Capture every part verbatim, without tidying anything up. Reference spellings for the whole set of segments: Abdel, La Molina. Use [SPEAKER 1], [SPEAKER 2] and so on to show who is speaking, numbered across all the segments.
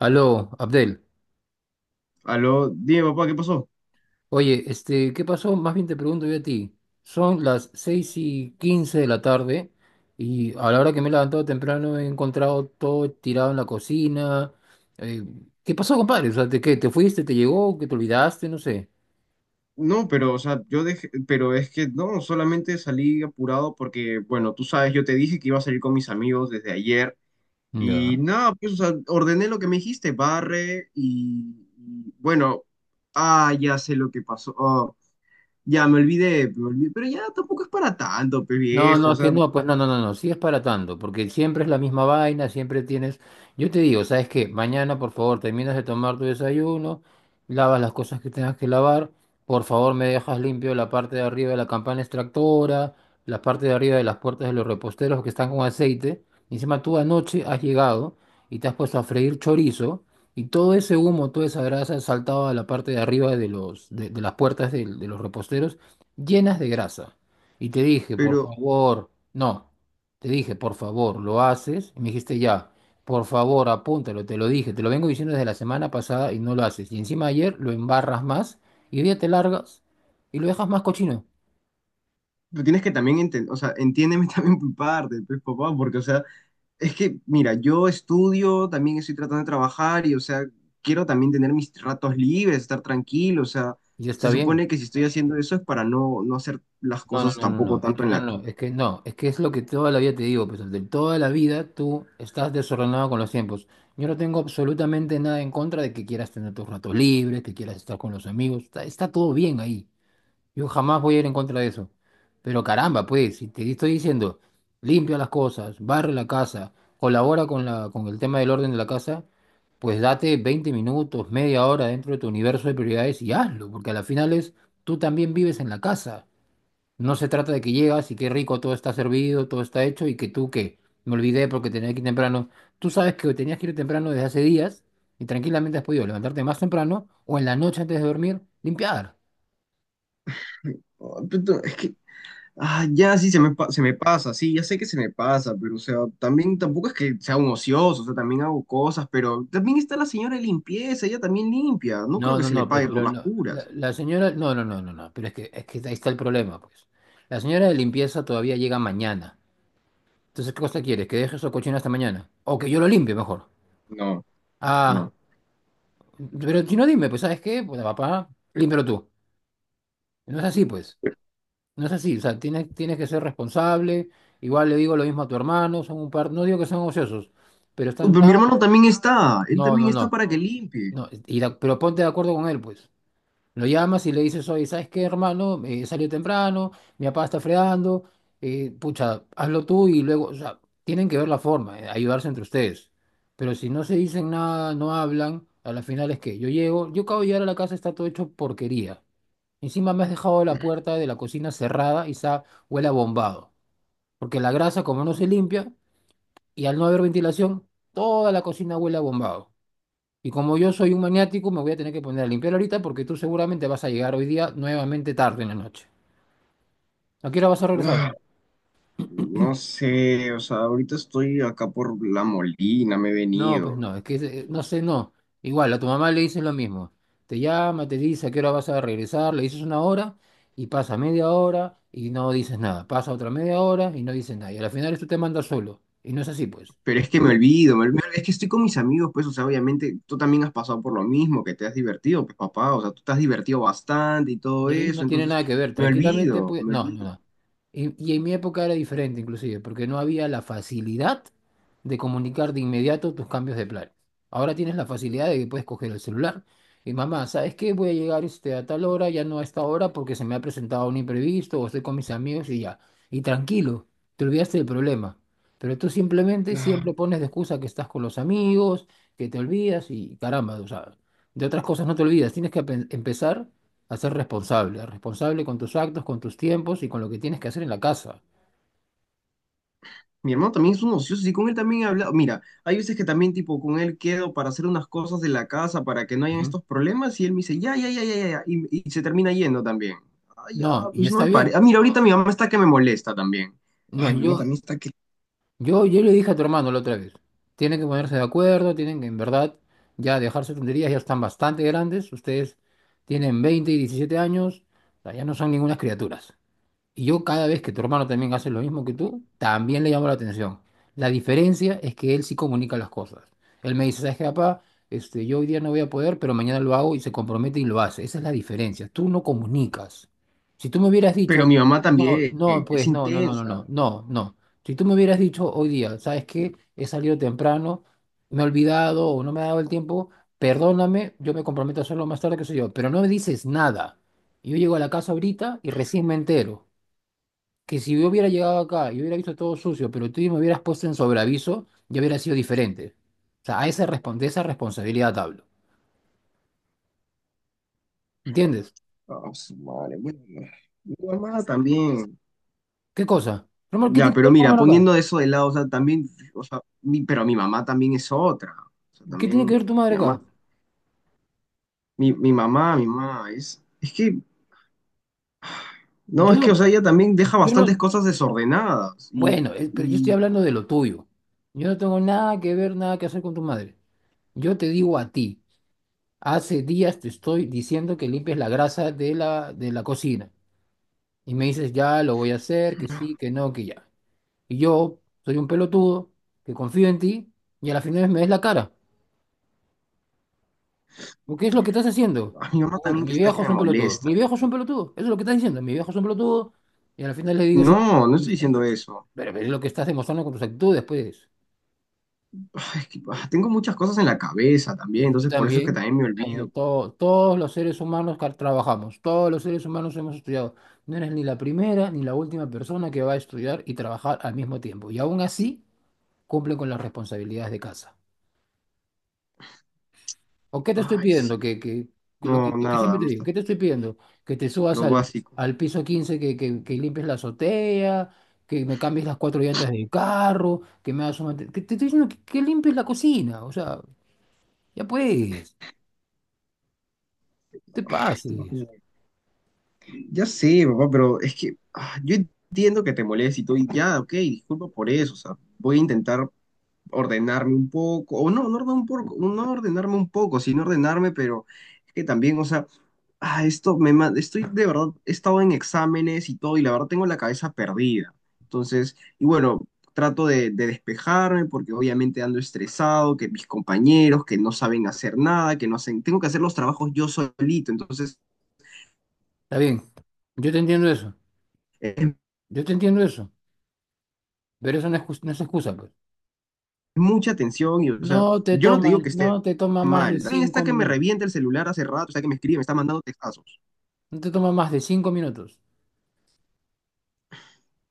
[SPEAKER 1] Aló, Abdel.
[SPEAKER 2] Aló, dime papá, ¿qué pasó?
[SPEAKER 1] Oye, este, ¿qué pasó? Más bien te pregunto yo a ti. Son las seis y quince de la tarde y a la hora que me he levantado temprano he encontrado todo tirado en la cocina. Eh, ¿qué pasó, compadre? O sea, ¿te, qué, ¿te fuiste? ¿Te llegó? ¿Que te olvidaste? No sé.
[SPEAKER 2] No, pero, o sea, yo dejé, pero es que no, solamente salí apurado porque, bueno, tú sabes, yo te dije que iba a salir con mis amigos desde ayer y
[SPEAKER 1] Ya.
[SPEAKER 2] nada, pues, o sea, ordené lo que me dijiste, barre y, y, bueno, ah, ya sé lo que pasó. Oh, ya me olvidé, me olvidé, pero ya tampoco es para tanto, pe
[SPEAKER 1] No,
[SPEAKER 2] viejo,
[SPEAKER 1] no,
[SPEAKER 2] o
[SPEAKER 1] es que
[SPEAKER 2] sea,
[SPEAKER 1] no, pues no, no, no, no, sí es para tanto, porque siempre es la misma vaina, siempre tienes, yo te digo, ¿sabes qué? Mañana, por favor, terminas de tomar tu desayuno, lavas las cosas que tengas que lavar, por favor, me dejas limpio la parte de arriba de la campana extractora, la parte de arriba de las puertas de los reposteros que están con aceite, y encima tú anoche has llegado y te has puesto a freír chorizo, y todo ese humo, toda esa grasa ha saltado a la parte de arriba de los, de, de las puertas del- de los reposteros, llenas de grasa. Y te dije, por
[SPEAKER 2] pero
[SPEAKER 1] favor, no, te dije, por favor, lo haces. Y me dijiste, ya, por favor, apúntalo, te lo dije, te lo vengo diciendo desde la semana pasada y no lo haces. Y encima ayer lo embarras más y hoy día te largas y lo dejas más cochino.
[SPEAKER 2] tú tienes que también entender, o sea, entiéndeme también por parte, pues, papá, porque, o sea, es que, mira, yo estudio, también estoy tratando de trabajar y, o sea, quiero también tener mis ratos libres, estar tranquilo, o sea,
[SPEAKER 1] Y ya está
[SPEAKER 2] se
[SPEAKER 1] bien.
[SPEAKER 2] supone que si estoy haciendo eso es para no, no hacer las
[SPEAKER 1] No, no,
[SPEAKER 2] cosas
[SPEAKER 1] no, no,
[SPEAKER 2] tampoco
[SPEAKER 1] no, es
[SPEAKER 2] tanto
[SPEAKER 1] que
[SPEAKER 2] en
[SPEAKER 1] no,
[SPEAKER 2] la... ca-
[SPEAKER 1] no, no, es que no, es que es lo que toda la vida te digo, pues de toda la vida tú estás desordenado con los tiempos. Yo no tengo absolutamente nada en contra de que quieras tener tus ratos libres, que quieras estar con los amigos, está, está todo bien ahí. Yo jamás voy a ir en contra de eso. Pero caramba, pues, si te estoy diciendo, limpia las cosas, barre la casa, colabora con la, con el tema del orden de la casa, pues date veinte minutos, media hora dentro de tu universo de prioridades y hazlo, porque a la final es, tú también vives en la casa. No se trata de que llegas y qué rico, todo está servido, todo está hecho y que tú que me olvidé porque tenía que ir temprano. Tú sabes que tenías que ir temprano desde hace días y tranquilamente has podido levantarte más temprano o en la noche antes de dormir, limpiar.
[SPEAKER 2] Oh, puto, es que, ah, ya sí, se me, pa- se me pasa. Sí, ya sé que se me pasa, pero, o sea, también tampoco es que sea un ocioso, o sea, también hago cosas, pero también está la señora de limpieza, ella también limpia, no creo
[SPEAKER 1] No,
[SPEAKER 2] que
[SPEAKER 1] no,
[SPEAKER 2] se le
[SPEAKER 1] no, pues,
[SPEAKER 2] pague por
[SPEAKER 1] pero
[SPEAKER 2] no, las
[SPEAKER 1] no, la,
[SPEAKER 2] puras.
[SPEAKER 1] la señora, no, no, no, no, no, pero es que, es que ahí está el problema, pues. La señora de limpieza todavía llega mañana. Entonces, ¿qué cosa quieres? ¿Que deje eso cochino hasta mañana? O que yo lo limpie mejor.
[SPEAKER 2] No,
[SPEAKER 1] Ah,
[SPEAKER 2] no.
[SPEAKER 1] pero si no dime, pues, ¿sabes qué? Pues, papá, límpialo tú. No es así, pues. No es así, o sea, tienes, tienes que ser responsable. Igual le digo lo mismo a tu hermano, son un par, no digo que sean ociosos, pero
[SPEAKER 2] Uh,
[SPEAKER 1] están
[SPEAKER 2] pero
[SPEAKER 1] tan...
[SPEAKER 2] mi hermano también está, él
[SPEAKER 1] No,
[SPEAKER 2] también
[SPEAKER 1] no,
[SPEAKER 2] está
[SPEAKER 1] no,
[SPEAKER 2] para que limpie.
[SPEAKER 1] no, y da- pero ponte de acuerdo con él, pues. Lo llamas y le dices, oye, ¿sabes qué, hermano? Eh, salió temprano, mi papá está fregando, eh, pucha, hazlo tú y luego, o sea, tienen que ver la forma, eh, ayudarse entre ustedes. Pero si no se dicen nada, no hablan, a la final es que yo llego, yo acabo de llegar a la casa, está todo hecho porquería. Encima me has dejado la puerta de la cocina cerrada y está, huele a bombado. Porque la grasa, como no se limpia, y al no haber ventilación, toda la cocina huele a bombado. Y como yo soy un maniático, me voy a tener que poner a limpiar ahorita porque tú seguramente vas a llegar hoy día nuevamente tarde en la noche. ¿A qué hora vas a regresar?
[SPEAKER 2] Ah, no sé, o sea, ahorita estoy acá por La Molina, me he
[SPEAKER 1] No, pues
[SPEAKER 2] venido.
[SPEAKER 1] no, es que eh, no sé, no. Igual, a tu mamá le dices lo mismo. Te llama, te dice a qué hora vas a regresar, le dices una hora y pasa media hora y no dices nada. Pasa otra media hora y no dices nada. Y al final tú te mandas solo. Y no es así, pues.
[SPEAKER 2] Pero es que me olvido, me olvido, es que estoy con mis amigos, pues, o sea, obviamente tú también has pasado por lo mismo, que te has divertido, pues, papá, o sea, tú te has divertido bastante y todo
[SPEAKER 1] Y
[SPEAKER 2] eso,
[SPEAKER 1] no tiene
[SPEAKER 2] entonces
[SPEAKER 1] nada que ver,
[SPEAKER 2] me
[SPEAKER 1] tranquilamente,
[SPEAKER 2] olvido,
[SPEAKER 1] pues,
[SPEAKER 2] me
[SPEAKER 1] no, no,
[SPEAKER 2] olvido.
[SPEAKER 1] no. Y, y en mi época era diferente inclusive, porque no había la facilidad de comunicar de inmediato tus cambios de planes. Ahora tienes la facilidad de que puedes coger el celular y mamá, ¿sabes qué? Voy a llegar este, a tal hora, ya no a esta hora porque se me ha presentado un imprevisto o estoy con mis amigos y ya. Y tranquilo, te olvidaste del problema. Pero tú simplemente siempre pones de excusa que estás con los amigos, que te olvidas y caramba, o sea, de otras cosas no te olvidas. Tienes que apen- empezar a ser responsable, responsable con tus actos, con tus tiempos y con lo que tienes que hacer en la casa.
[SPEAKER 2] Mi hermano también es un ocioso y con él también he hablado. Mira, hay veces que también tipo con él quedo para hacer unas cosas de la casa para que no hayan
[SPEAKER 1] Ujú.
[SPEAKER 2] estos problemas y él me dice, ya, ya, ya, ya, ya, ya", y, y se termina yendo también. Ay, ya,
[SPEAKER 1] No, y
[SPEAKER 2] pues no
[SPEAKER 1] está
[SPEAKER 2] me parece.
[SPEAKER 1] bien.
[SPEAKER 2] Ah, mira, ahorita mi mamá está que me molesta también.
[SPEAKER 1] No,
[SPEAKER 2] Ay, mi mamá
[SPEAKER 1] yo,
[SPEAKER 2] también está que...
[SPEAKER 1] yo, yo le dije a tu hermano la otra vez, tienen que ponerse de acuerdo, tienen que en verdad ya dejarse tonterías, ya están bastante grandes, ustedes tienen veinte y diecisiete años, o sea, ya no son ningunas criaturas. Y yo cada vez que tu hermano también hace lo mismo que tú, también le llamo la atención. La diferencia es que él sí comunica las cosas. Él me dice, ¿sabes qué, papá? Este, yo hoy día no voy a poder, pero mañana lo hago y se compromete y lo hace. Esa es la diferencia. Tú no comunicas. Si tú me hubieras
[SPEAKER 2] Pero
[SPEAKER 1] dicho,
[SPEAKER 2] mi mamá
[SPEAKER 1] no,
[SPEAKER 2] también
[SPEAKER 1] no,
[SPEAKER 2] es
[SPEAKER 1] pues no, no, no, no,
[SPEAKER 2] intensa.
[SPEAKER 1] no, no, no. Si tú me hubieras dicho hoy día, ¿sabes qué? He salido temprano, me he olvidado o no me ha dado el tiempo, perdóname, yo me comprometo a hacerlo más tarde, que sé yo, pero no me dices nada. Yo llego a la casa ahorita y recién me entero que si yo hubiera llegado acá y hubiera visto todo sucio, pero tú me hubieras puesto en sobreaviso, ya hubiera sido diferente. O sea, a esa, respon- de esa responsabilidad hablo. ¿Entiendes?
[SPEAKER 2] Ah, su madre, bueno. Mi mamá también.
[SPEAKER 1] ¿Qué cosa? Román, ¿qué
[SPEAKER 2] Ya,
[SPEAKER 1] tiene que
[SPEAKER 2] pero
[SPEAKER 1] ver tu
[SPEAKER 2] mira,
[SPEAKER 1] hermano acá?
[SPEAKER 2] poniendo eso de lado, o sea, también, o sea, mi- pero mi mamá también es otra. O sea,
[SPEAKER 1] ¿Qué tiene que
[SPEAKER 2] también,
[SPEAKER 1] ver tu madre
[SPEAKER 2] mi mamá,
[SPEAKER 1] acá?
[SPEAKER 2] mi, mi mamá, mi mamá, es, es que no, es que, o sea,
[SPEAKER 1] Yo,
[SPEAKER 2] ella también deja
[SPEAKER 1] yo
[SPEAKER 2] bastantes
[SPEAKER 1] no.
[SPEAKER 2] cosas desordenadas y,
[SPEAKER 1] Bueno, eh, pero yo estoy
[SPEAKER 2] y
[SPEAKER 1] hablando de lo tuyo. Yo no tengo nada que ver, nada que hacer con tu madre. Yo te digo a ti, hace días te estoy diciendo que limpies la grasa de la, de la cocina. Y me dices, ya lo voy a hacer, que sí, que no, que ya. Y yo soy un pelotudo que confío en ti y a la final me des la cara. ¿O qué es lo que estás haciendo?
[SPEAKER 2] a mi mamá
[SPEAKER 1] Puta,
[SPEAKER 2] también que
[SPEAKER 1] mi
[SPEAKER 2] está que
[SPEAKER 1] viejo es
[SPEAKER 2] me
[SPEAKER 1] un pelotudo.
[SPEAKER 2] molesta.
[SPEAKER 1] Mi viejo es un pelotudo. Eso es lo que estás diciendo. Mi viejo es un pelotudo y a la final le digo siempre...
[SPEAKER 2] No, no estoy diciendo eso.
[SPEAKER 1] Pero, pero es lo que estás demostrando con tus actitudes, pues.
[SPEAKER 2] Ay, es que, ah, tengo muchas cosas en la cabeza también,
[SPEAKER 1] Y tú
[SPEAKER 2] entonces por eso es que
[SPEAKER 1] también,
[SPEAKER 2] también me
[SPEAKER 1] como
[SPEAKER 2] olvido.
[SPEAKER 1] to- todos los seres humanos que trabajamos, todos los seres humanos hemos estudiado. No eres ni la primera ni la última persona que va a estudiar y trabajar al mismo tiempo. Y aún así, cumple con las responsabilidades de casa. ¿O qué te estoy
[SPEAKER 2] Ay,
[SPEAKER 1] pidiendo?
[SPEAKER 2] sí.
[SPEAKER 1] Que, que, que lo
[SPEAKER 2] No,
[SPEAKER 1] que, lo que
[SPEAKER 2] nada,
[SPEAKER 1] siempre te
[SPEAKER 2] no
[SPEAKER 1] digo,
[SPEAKER 2] está-
[SPEAKER 1] ¿qué te estoy pidiendo? Que te subas
[SPEAKER 2] lo
[SPEAKER 1] al,
[SPEAKER 2] básico.
[SPEAKER 1] al piso quince, que, que, que limpies la azotea, que me cambies las cuatro llantas del carro, que me hagas un... mante- Que te estoy diciendo que, que limpies la cocina, o sea, ya puedes, te
[SPEAKER 2] Ay, Dios
[SPEAKER 1] pases.
[SPEAKER 2] mío. Ya sé, papá, pero es que ah, yo entiendo que te moleste y todo, y ya, ok, disculpa por eso, o sea, voy a intentar ordenarme un poco, o no, no, ordenar un poco, no ordenarme un poco, sino ordenarme, pero es que también, o sea, ah, esto me ma- estoy de verdad, he estado en exámenes y todo, y la verdad tengo la cabeza perdida. Entonces, y bueno, trato de, de despejarme porque obviamente ando estresado, que mis compañeros que no saben hacer nada, que no hacen, tengo que hacer los trabajos yo solito, entonces
[SPEAKER 1] Está bien, yo te entiendo eso,
[SPEAKER 2] es
[SPEAKER 1] yo te entiendo eso, pero eso no es, jus- no es excusa, pues.
[SPEAKER 2] mucha tensión y, o
[SPEAKER 1] No
[SPEAKER 2] sea,
[SPEAKER 1] te
[SPEAKER 2] yo no te
[SPEAKER 1] toma,
[SPEAKER 2] digo que
[SPEAKER 1] no
[SPEAKER 2] esté
[SPEAKER 1] te toma más de
[SPEAKER 2] mal, también está
[SPEAKER 1] cinco
[SPEAKER 2] que me
[SPEAKER 1] minutos,
[SPEAKER 2] revienta el celular hace rato, está que me escribe, me está mandando textazos.
[SPEAKER 1] no te toma más de cinco minutos.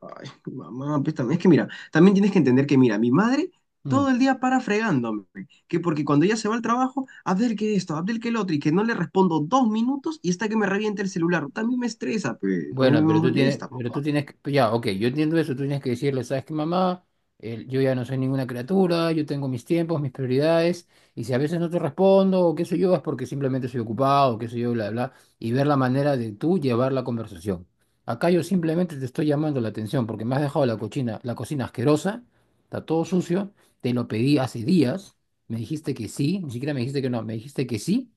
[SPEAKER 2] Ay, mamá, pues también es que mira, también tienes que entender que mira, mi madre
[SPEAKER 1] Mm.
[SPEAKER 2] todo el día para fregándome, que porque cuando ella se va al trabajo, Abdel que esto, Abdel que el otro, y que no le respondo dos minutos y está que me revienta el celular. También me estresa, pues, me, me
[SPEAKER 1] Bueno,
[SPEAKER 2] me
[SPEAKER 1] pero tú tienes,
[SPEAKER 2] molesta,
[SPEAKER 1] pero
[SPEAKER 2] papá.
[SPEAKER 1] tú tienes que, ya, ok, yo entiendo eso, tú tienes que decirle, ¿sabes qué, mamá? El- yo ya no soy ninguna criatura, yo tengo mis tiempos, mis prioridades, y si a veces no te respondo o qué sé yo, es porque simplemente soy ocupado, o qué sé yo, bla, bla, y ver la manera de tú llevar la conversación. Acá yo simplemente te estoy llamando la atención porque me has dejado la cocina, la cocina asquerosa, está todo sucio, te lo pedí hace días, me dijiste que sí, ni siquiera me dijiste que no, me dijiste que sí,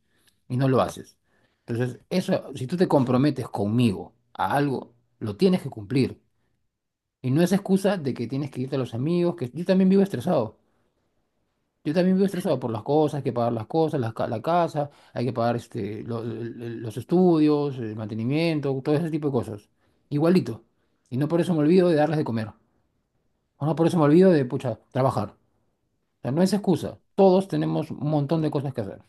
[SPEAKER 1] y no lo haces. Entonces, eso, si tú te comprometes conmigo a algo, lo tienes que cumplir. Y no es excusa de que tienes que irte a los amigos, que yo también vivo estresado. Yo también vivo estresado por las cosas, hay que pagar las cosas, la, ca- la casa, hay que pagar este, lo- el- el- los estudios, el mantenimiento, todo ese tipo de cosas. Igualito. Y no por eso me olvido de darles de comer. O no por eso me olvido de, pucha, trabajar. O sea, no es excusa. Todos tenemos un montón de cosas que hacer.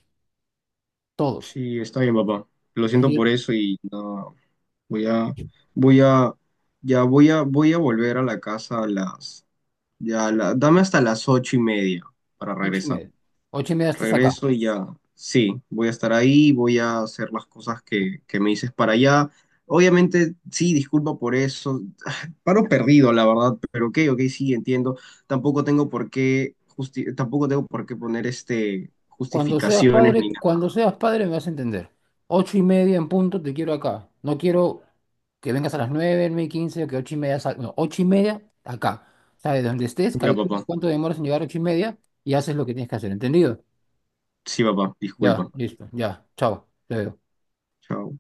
[SPEAKER 1] Todos.
[SPEAKER 2] Sí, está bien, papá. Lo siento
[SPEAKER 1] Entonces,
[SPEAKER 2] por
[SPEAKER 1] yo-
[SPEAKER 2] eso y no, voy a, voy a, ya voy a, voy a volver a la casa a las, ya, a la- dame hasta las ocho y media para
[SPEAKER 1] ocho y
[SPEAKER 2] regresar.
[SPEAKER 1] media. Ocho y media estás acá.
[SPEAKER 2] Regreso y ya, sí, voy a estar ahí, voy a hacer las cosas que, que me dices para allá. Obviamente, sí, disculpa por eso, paro perdido, la verdad, pero ok, ok, sí, entiendo. Tampoco tengo por qué, justi- tampoco tengo por qué poner este,
[SPEAKER 1] Cuando seas
[SPEAKER 2] justificaciones ni
[SPEAKER 1] padre,
[SPEAKER 2] nada.
[SPEAKER 1] cuando seas padre me vas a entender. Ocho y media en punto te quiero acá. No quiero que vengas a las nueve, nueve y quince, o que ocho y media sal- No, ocho y media acá. O sea, de donde estés,
[SPEAKER 2] Ya,
[SPEAKER 1] calcula
[SPEAKER 2] papá,
[SPEAKER 1] cuánto demoras en llegar a ocho y media y haces lo que tienes que hacer. ¿Entendido?
[SPEAKER 2] sí, papá,
[SPEAKER 1] Ya,
[SPEAKER 2] disculpa.
[SPEAKER 1] listo, ya. Chao. Te veo.
[SPEAKER 2] Chao.